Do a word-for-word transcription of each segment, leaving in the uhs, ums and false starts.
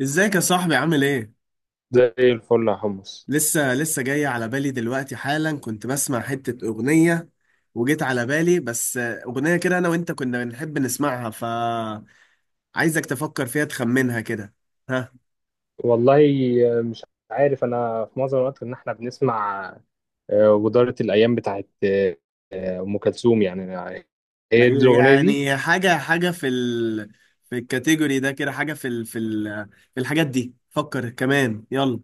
ازيك يا صاحبي عامل ايه؟ زي الفل يا حمص. لسه لسه جاي على بالي دلوقتي حالا كنت بسمع حتة أغنية وجيت على بالي بس أغنية كده أنا وأنت كنا بنحب نسمعها فعايزك تفكر فيها تخمنها كده ها. والله مش عارف، انا في معظم الوقت ان احنا بنسمع آه، ودارة الايام بتاعت آه، آه، ام كلثوم يعني. هي دي يعني الاغنيه دي. يعني حاجة حاجة في ال في الكاتيجوري ده كده حاجة في ال في ال في الحاجات دي فكر كمان يلا.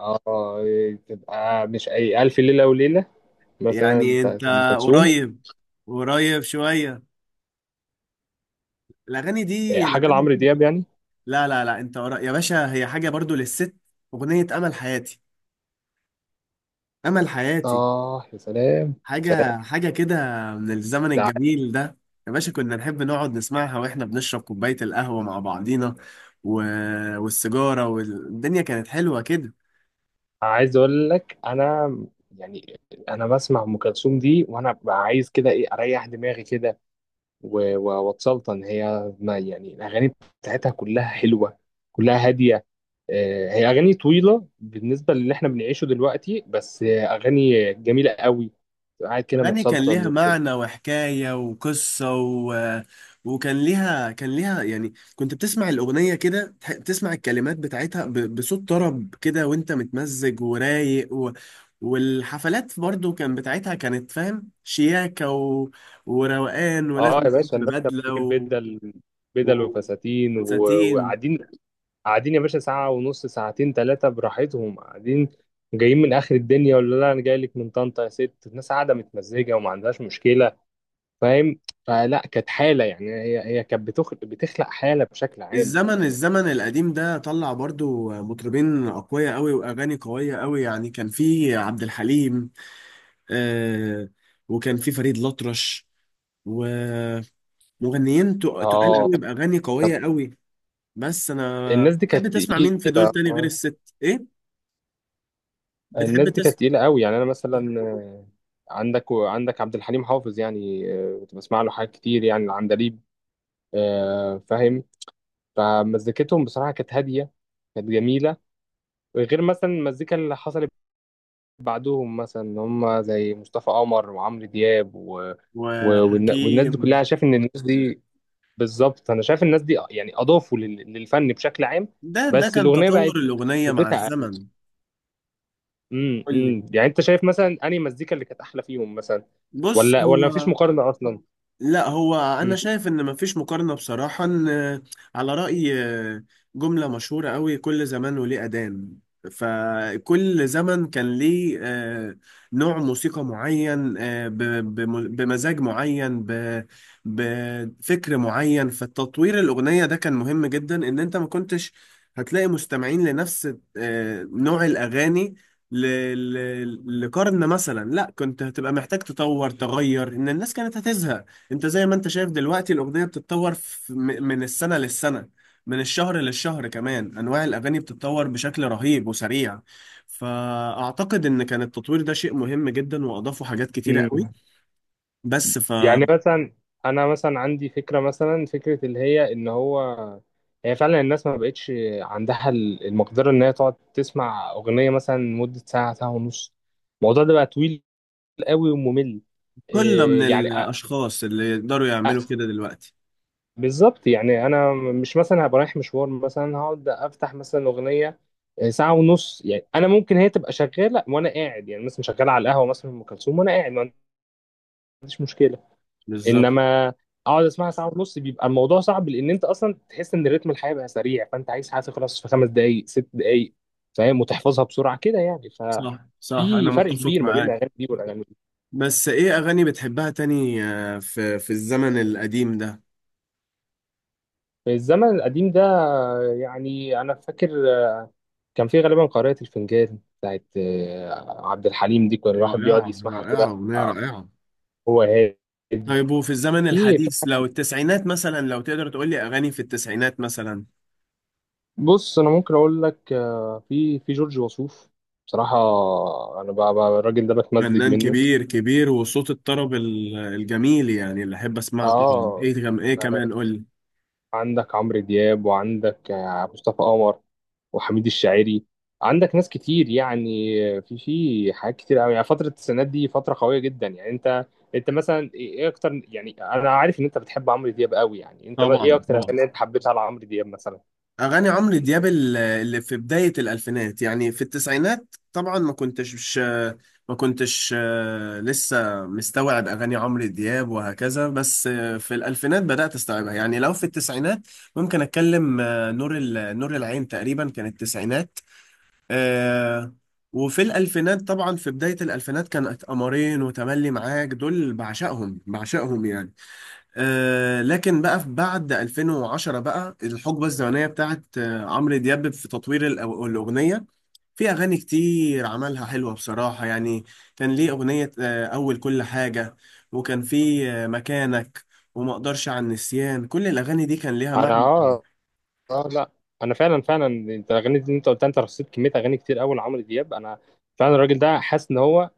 اه، تبقى مش اي الف ليله وليله مثلا يعني أنت بتاعت ام كلثوم. قريب، قريب شوية. الأغاني آه، دي حاجه الأغاني لعمرو دياب دي يعني. لا لا لا، انت قرا يا باشا، هي حاجه برضو للست. اغنيه امل حياتي، امل حياتي. اه يا سلام، سلام. حاجه حاجه كده من الزمن ده الجميل ده، يا باشا كنا نحب نقعد نسمعها واحنا بنشرب كوبايه القهوه مع بعضينا و... والسيجاره، والدنيا كانت حلوه كده. عايز اقول لك انا، يعني انا بسمع ام كلثوم دي وانا ببقى عايز كده ايه اريح دماغي كده و- و- واتسلطن. هي ما يعني الاغاني بتاعتها كلها حلوه، كلها هاديه. آه، هي اغاني طويله بالنسبه للي احنا بنعيشه دلوقتي، بس آه، اغاني جميله قوي. تبقى قاعد كده أغاني كان متسلطن ليها وكده. معنى وحكاية وقصة و... وكان ليها كان ليها يعني كنت بتسمع الأغنية كده تح- بتسمع الكلمات بتاعتها ب... بصوت طرب كده، وأنت متمزج ورايق و... والحفلات برضو كان بتاعتها كانت فاهم شياكة و... وروقان، اه يا ولازم تروح باشا، الناس كانت ببدلة بتجيب و... بدل بدل و... وفساتين و- ساتين. وقاعدين. قاعدين يا باشا، ساعه ونص، ساعتين، ثلاثه براحتهم قاعدين، جايين من اخر الدنيا. ولا لا، انا جاي لك من طنطا يا ست، الناس قاعده متمزجه وما عندهاش مشكله، فاهم؟ فلا، كانت حاله يعني، هي هي كانت بتخلق بتخلق حاله بشكل عام. الزمن الزمن القديم ده طلع برضو مطربين أقوياء أوي وأغاني قوية أوي، يعني كان في عبد الحليم آه، وكان في فريد الأطرش ومغنيين تق- تقال اه، قوي بأغاني قوية قوي. بس أنا الناس دي كانت بتحب تسمع مين في دول تقيله. تاني غير آه، الست إيه؟ بتحب الناس دي كانت تسمع تقيله قوي. يعني انا مثلا، آه، عندك عندك عبد الحليم حافظ يعني، آه، كنت بسمع له حاجات كتير يعني، العندليب، آه، فاهم؟ فمزيكتهم بصراحه كانت هاديه، كانت جميله، غير مثلا المزيكا اللي حصلت بعدهم مثلا، إن هم زي مصطفى قمر وعمرو دياب و... و... والن- والناس دي كلها. وحكيم؟ شايف ان الناس دي، بالظبط، انا شايف الناس دي يعني اضافوا لل- للفن بشكل عام. ده ده بس كان الاغنيه تطور بقت الأغنية مع مدتها اقل. الزمن. امم قول لي. امم يعني انت شايف مثلا انهي مزيكا اللي كانت احلى فيهم مثلا؟ بص ولا ولا مفيش هو، مقارنه اصلا. لا هو انا امم شايف ان مفيش مقارنه بصراحه. ان على راي آه، جمله مشهوره قوي، كل زمان وليه اذان. فكل زمن كان ليه آه، نوع موسيقى معين، آه، ب- بم- بمزاج معين، ب- بفكر معين، فالتطوير الاغنيه ده كان مهم جدا، ان انت ما كنتش هتلاقي مستمعين لنفس آه، نوع الاغاني ل- ل- لقرن مثلا. لا كنت هتبقى محتاج تطور تغير، ان الناس كانت هتزهق. انت زي ما انت شايف دلوقتي الاغنيه بتتطور في- م- من السنه للسنه، من الشهر للشهر كمان، انواع الاغاني بتتطور بشكل رهيب وسريع. فاعتقد ان كان التطوير ده شيء مهم جدا، واضافوا حاجات كتيره قوي، امم بس يعني فقله. مثلا، انا مثلا عندي فكره، مثلا فكره اللي هي ان هو، هي فعلا الناس ما بقتش عندها ال- المقدره ان هي تقعد تسمع اغنيه مثلا مده ساعه، ساعه ونص. الموضوع ده بقى طويل قوي وممل. من إيه يعني؟ الاشخاص اللي يقدروا يعملوا كده دلوقتي؟ بالظبط. يعني انا مش مثلا هبقى رايح مشوار مثلا هقعد افتح مثلا اغنيه آه، ساعه ونص. يعني انا ممكن هي تبقى شغاله وانا قاعد، يعني مثلا شغاله على القهوه مثلا ام كلثوم وانا قاعد ما عنديش مشكله، بالظبط. انما اقعد اسمعها ساعه ونص بيبقى الموضوع صعب، لان انت اصلا تحس ان رتم الحياه بقى سريع، فانت عايز حاجه تخلص في خمس دقائق، ست دقائق، فاهم؟ وتحفظها بسرعه كده يعني. ف صح صح، انا في فرق متفق كبير ما بين معاك. الاغاني دي والاغاني دي. بس ايه اغاني بتحبها تاني آه، في في الزمن القديم ده؟ الزمن القديم ده، يعني انا فاكر كان في غالبا قارئة الفنجان بتاعت آه، عبد الحليم دي، كان الواحد بيقعد رائعه، يسمعها كده، رائعه، اغنيه آه، رائعه. هو هادي. طيب، وفي الزمن في في- الحديث، لو التسعينات مثلا، لو تقدر تقول لي أغاني في التسعينات مثلا؟ بص انا ممكن اقول لك، آه، في في جورج وسوف بصراحة. انا بقى، بقى الراجل ده بتمزج فنان منه. كبير كبير وصوت الطرب ال- الجميل، يعني اللي أحب أسمعه طبعا. اه، إيه كم إيه كمان، قول لي. عندك عمرو دياب، وعندك آه، مصطفى قمر، وحميد الشاعري. عندك ناس كتير يعني، في في حاجات كتير قوي يعني، فترة السنات دي فترة قوية جدا. يعني انت انت مثلا ايه، إيه اكتر؟ يعني انا عارف ان انت بتحب عمرو دياب قوي، يعني انت ما- ايه طبعا اكتر طبعا، اغاني انت حبيتها لعمرو دياب مثلا؟ أغاني عمرو دياب ال- اللي في بداية الألفينات، يعني في التسعينات طبعا ما كنتش مش، ما كنتش آه، لسه مستوعب أغاني عمرو دياب وهكذا. بس آه، في الألفينات بدأت أستوعبها. يعني لو في التسعينات ممكن أتكلم آه، نور ال- نور العين، تقريبا كانت التسعينات آه. وفي الألفينات طبعا في بداية الألفينات كانت قمرين وتملي معاك، دول بعشقهم بعشقهم يعني. آه لكن بقى في بعد ألفين وعشرة بقى الحقبة الزمنية بتاعت آه عمرو دياب في تطوير الأ- الأغنية، في أغاني كتير عملها حلوة بصراحة يعني. كان ليه أغنية آه أول كل حاجة، وكان في آه مكانك، وما اقدرش عن النسيان، كل الأغاني دي كان ليها انا معنى. اه. اه لا، انا فعلا، فعلا انت الاغاني دي انت قلتها، انت رصيت كمية اغاني كتير قوي لعمرو دياب. انا فعلا الراجل ده حاسس ان هو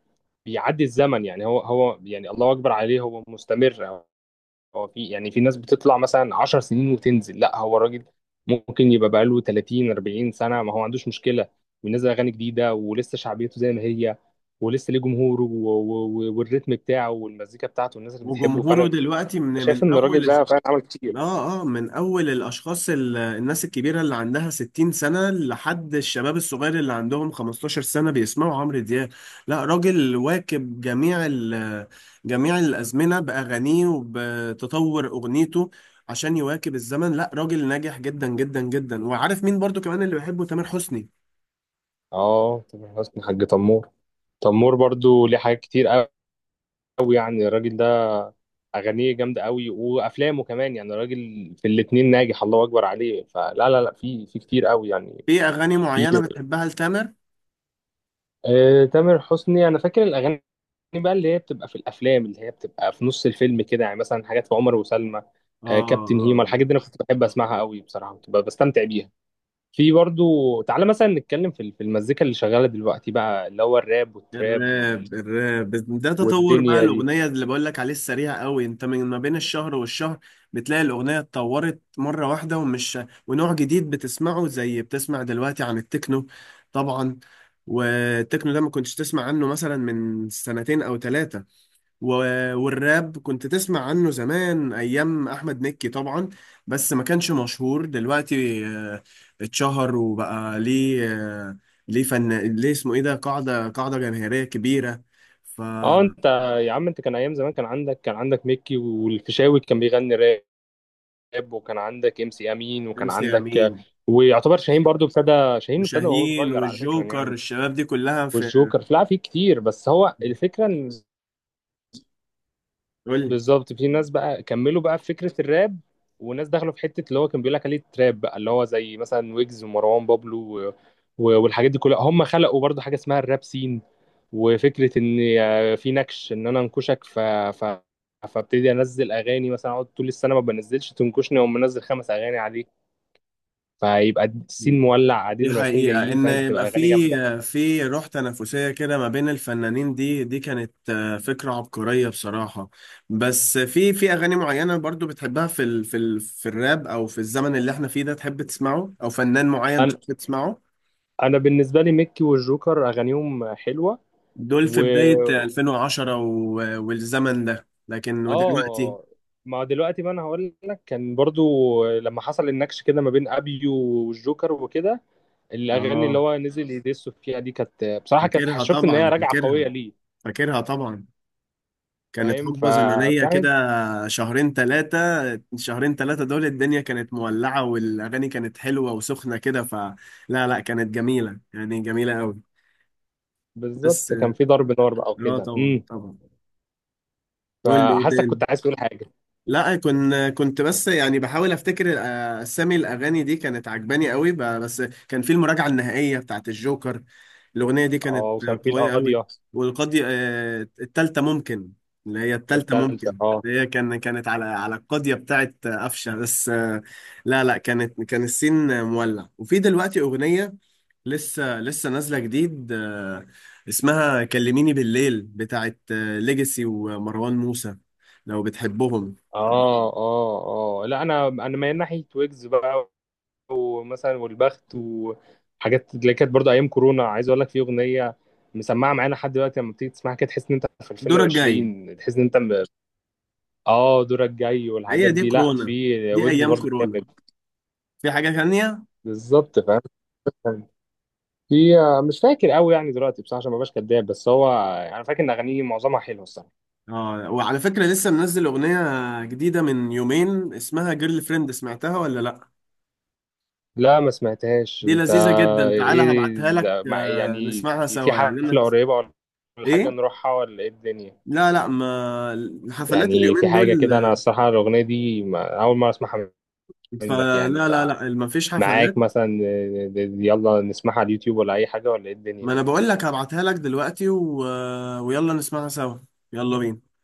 بيعدي الزمن يعني، هو هو يعني الله اكبر عليه، هو مستمر. هو في يعني في ناس بتطلع مثلا عشر سنين وتنزل، لا هو الراجل ممكن يبقى بقاله تلاتين اربعين سنة، ما هو ما عندوش مشكلة، بينزل أغاني جديدة ولسه شعبيته زي ما هي، ولسه ليه جمهوره و- و- والريتم بتاعه والمزيكا بتاعته والناس اللي بتحبه. وجمهوره فأنا دلوقتي من شايف من إن الراجل أول. ده فعلا عمل كتير. اه اه، من اول الاشخاص ال- الناس الكبيره اللي عندها ستين سنه، لحد الشباب الصغير اللي عندهم خمستاشر سنه بيسمعوا عمرو دياب. لا راجل واكب جميع ال- جميع الازمنه باغانيه، وبتطور اغنيته عشان يواكب الزمن. لا راجل ناجح جدا جدا جدا. وعارف مين برضو كمان اللي بحبه؟ تامر حسني. اه تامر حسني، حاج تمور. تمور برضو ليه حاجات كتير قوي. يعني الراجل ده أغانيه جامدة قوي، وأفلامه كمان، يعني الراجل في الاتنين ناجح، الله أكبر عليه. فلا لا لا، في في كتير قوي يعني. في اغاني في معينه بتحبها لتامر؟ آه، تامر حسني انا فاكر الاغاني بقى اللي هي بتبقى في الافلام، اللي هي بتبقى في نص الفيلم كده، يعني مثلا حاجات في عمر وسلمى، آه، اه كابتن هيما، اه. الحاجات دي انا كنت بحب اسمعها قوي بصراحه، كنت ببقى بستمتع بيها. في برضو، تعالى مثلا نتكلم في في المزيكا اللي شغاله دلوقتي بقى، اللي هو الراب والتراب وال... الراب، الراب ده تطور بقى والدنيا دي. الأغنية اللي بقول لك عليه، السريع قوي انت من ما بين الشهر والشهر بتلاقي الأغنية اتطورت مرة واحدة. ومش ونوع جديد بتسمعه، زي بتسمع دلوقتي عن التكنو. طبعا. والتكنو ده ما كنتش تسمع عنه مثلا من سنتين أو ثلاثة. و- والراب كنت تسمع عنه زمان ايام احمد مكي طبعا، بس ما كانش مشهور. دلوقتي آه، اتشهر وبقى ليه آه، ليه فن، ليه اسمه ايه ده، قاعدة قاعدة جماهيرية كبيرة. ف اه انت، يا عم انت، كان ايام زمان كان عندك كان عندك ميكي، والفيشاوي كان بيغني راب، وكان عندك ام سي امين، ام وكان سي امين عندك، ويعتبر شاهين برضو ابتدى. شاهين ابتدى وهو وشاهين صغير على فكره يعني. والجوكر، الشباب دي كلها في. والجوكر، في لا في كتير. بس هو الفكره ان، قول بالظبط، في ناس بقى كملوا بقى في فكره الراب، وناس دخلوا في حته اللي هو كان بيقول لك عليه تراب بقى، اللي هو زي مثلا ويجز ومروان بابلو و... و... والحاجات دي كلها. هم خلقوا برضو حاجه اسمها الراب سين، وفكره ان آه، في نكش، ان انا انكشك، ف... ف... فابتدي انزل اغاني، مثلا اقعد طول السنه ما بنزلش، تنكشني واقوم منزل خمس اغاني عليه، فيبقى لي. السين مولع، دي قاعدين رايحين حقيقة، جايين، إن فاهم؟ فتبقى يبقى الاغاني جامده. في في روح تنافسية كده ما بين الفنانين، دي دي كانت آه، فكرة عبقرية بصراحة. بس في في أغاني معينة برضو بتحبها في ال في ال في الراب، أو في الزمن اللي احنا فيه ده تحب تسمعه، أو فنان معين انا تحب تسمعه؟ انا بالنسبه لي ميكي والجوكر اغانيهم حلوه. دول في و بداية ألفين وعشرة و- والزمن ده، لكن ودلوقتي؟ اه، ما دلوقتي، ما انا هقول لك، كان برضو لما حصل النكش كده ما بين ابيو والجوكر وكده، الاغاني اللي آه، هو نزل يدس فيها دي كانت بصراحه، كانت فاكرها شفت ان هي طبعا، راجعه فاكرها، قويه ليه، فاكرها طبعا. كانت فاهم؟ حقبة زمنية ففي كده، حاجة، شهرين ثلاثة، شهرين ثلاثة دول الدنيا كانت مولعة، والأغاني كانت حلوة وسخنة كده. فلا لا لا، كانت جميلة يعني، جميلة قوي. بس بالظبط، كان في ضرب نار بقى اه وكده. طبعا امم، طبعا. قول لي ايه فحاسك كنت تاني. عايز تقول حاجه. لا كنت كنت بس يعني بحاول افتكر الأ- اسامي الاغاني دي كانت عجباني قوي ب- بس. كان في المراجعه النهائيه بتاعت الجوكر، الاغنيه دي كانت اه، وكان في قويه قوي. القاضيه، والقاضي آه، التالتة ممكن، اللي هي التالتة التالتة. ممكن، اه هي كان كانت على على القاضيه بتاعت آه، قفشه. بس آه، لا لا، كانت كان السين آه، مولع. وفي دلوقتي اغنيه لسه لسه نازله جديد آه، اسمها كلميني بالليل بتاعت ليجاسي ومروان موسى، لو بتحبهم. اه اه اه لا، انا انا مايل ناحيه ويجز بقى، ومثلا والبخت وحاجات اللي كانت برضو ايام كورونا. عايز اقول لك في اغنيه مسمعه معانا لحد دلوقتي، لما بتيجي تسمعها كده تحس ان انت في الدور الجاي. ألفين وعشرين، تحس ان انت م... اه دورك جاي هي والحاجات دي دي. لا، كورونا، في دي ويجز ايام برضو كورونا. جامد. في حاجة تانية؟ بالظبط، فاهم؟ في، مش فاكر قوي يعني دلوقتي بصراحه، عشان ما بقاش كداب، بس هو يعني انا فاكر ان اغانيه معظمها حلوه الصراحه. اه، وعلى فكرة لسه منزل اغنية جديدة من يومين اسمها جيرل فريند، سمعتها ولا لا؟ لا ما سمعتهاش. دي انت لذيذة جدا، تعالى ايه هبعتها لك ده- مع آه، يعني، نسمعها في سوا يعني انا. حفله قريبه، ولا ايه؟ حاجه نروحها، ولا ايه الدنيا؟ لا لا، ما الحفلات يعني في اليومين حاجة دول كده، أنا آه، الصراحة الأغنية دي ما أول مرة أسمعها منك فلا يعني. لا لا، ما فيش حفلات. فمعاك مثلا آه، يلا نسمعها على اليوتيوب، ولا أي حاجة، ولا إيه ما انا الدنيا؟ بقول لك هبعتها لك دلوقتي و... آه، ويلا نسمعها سوا. يلا بينا.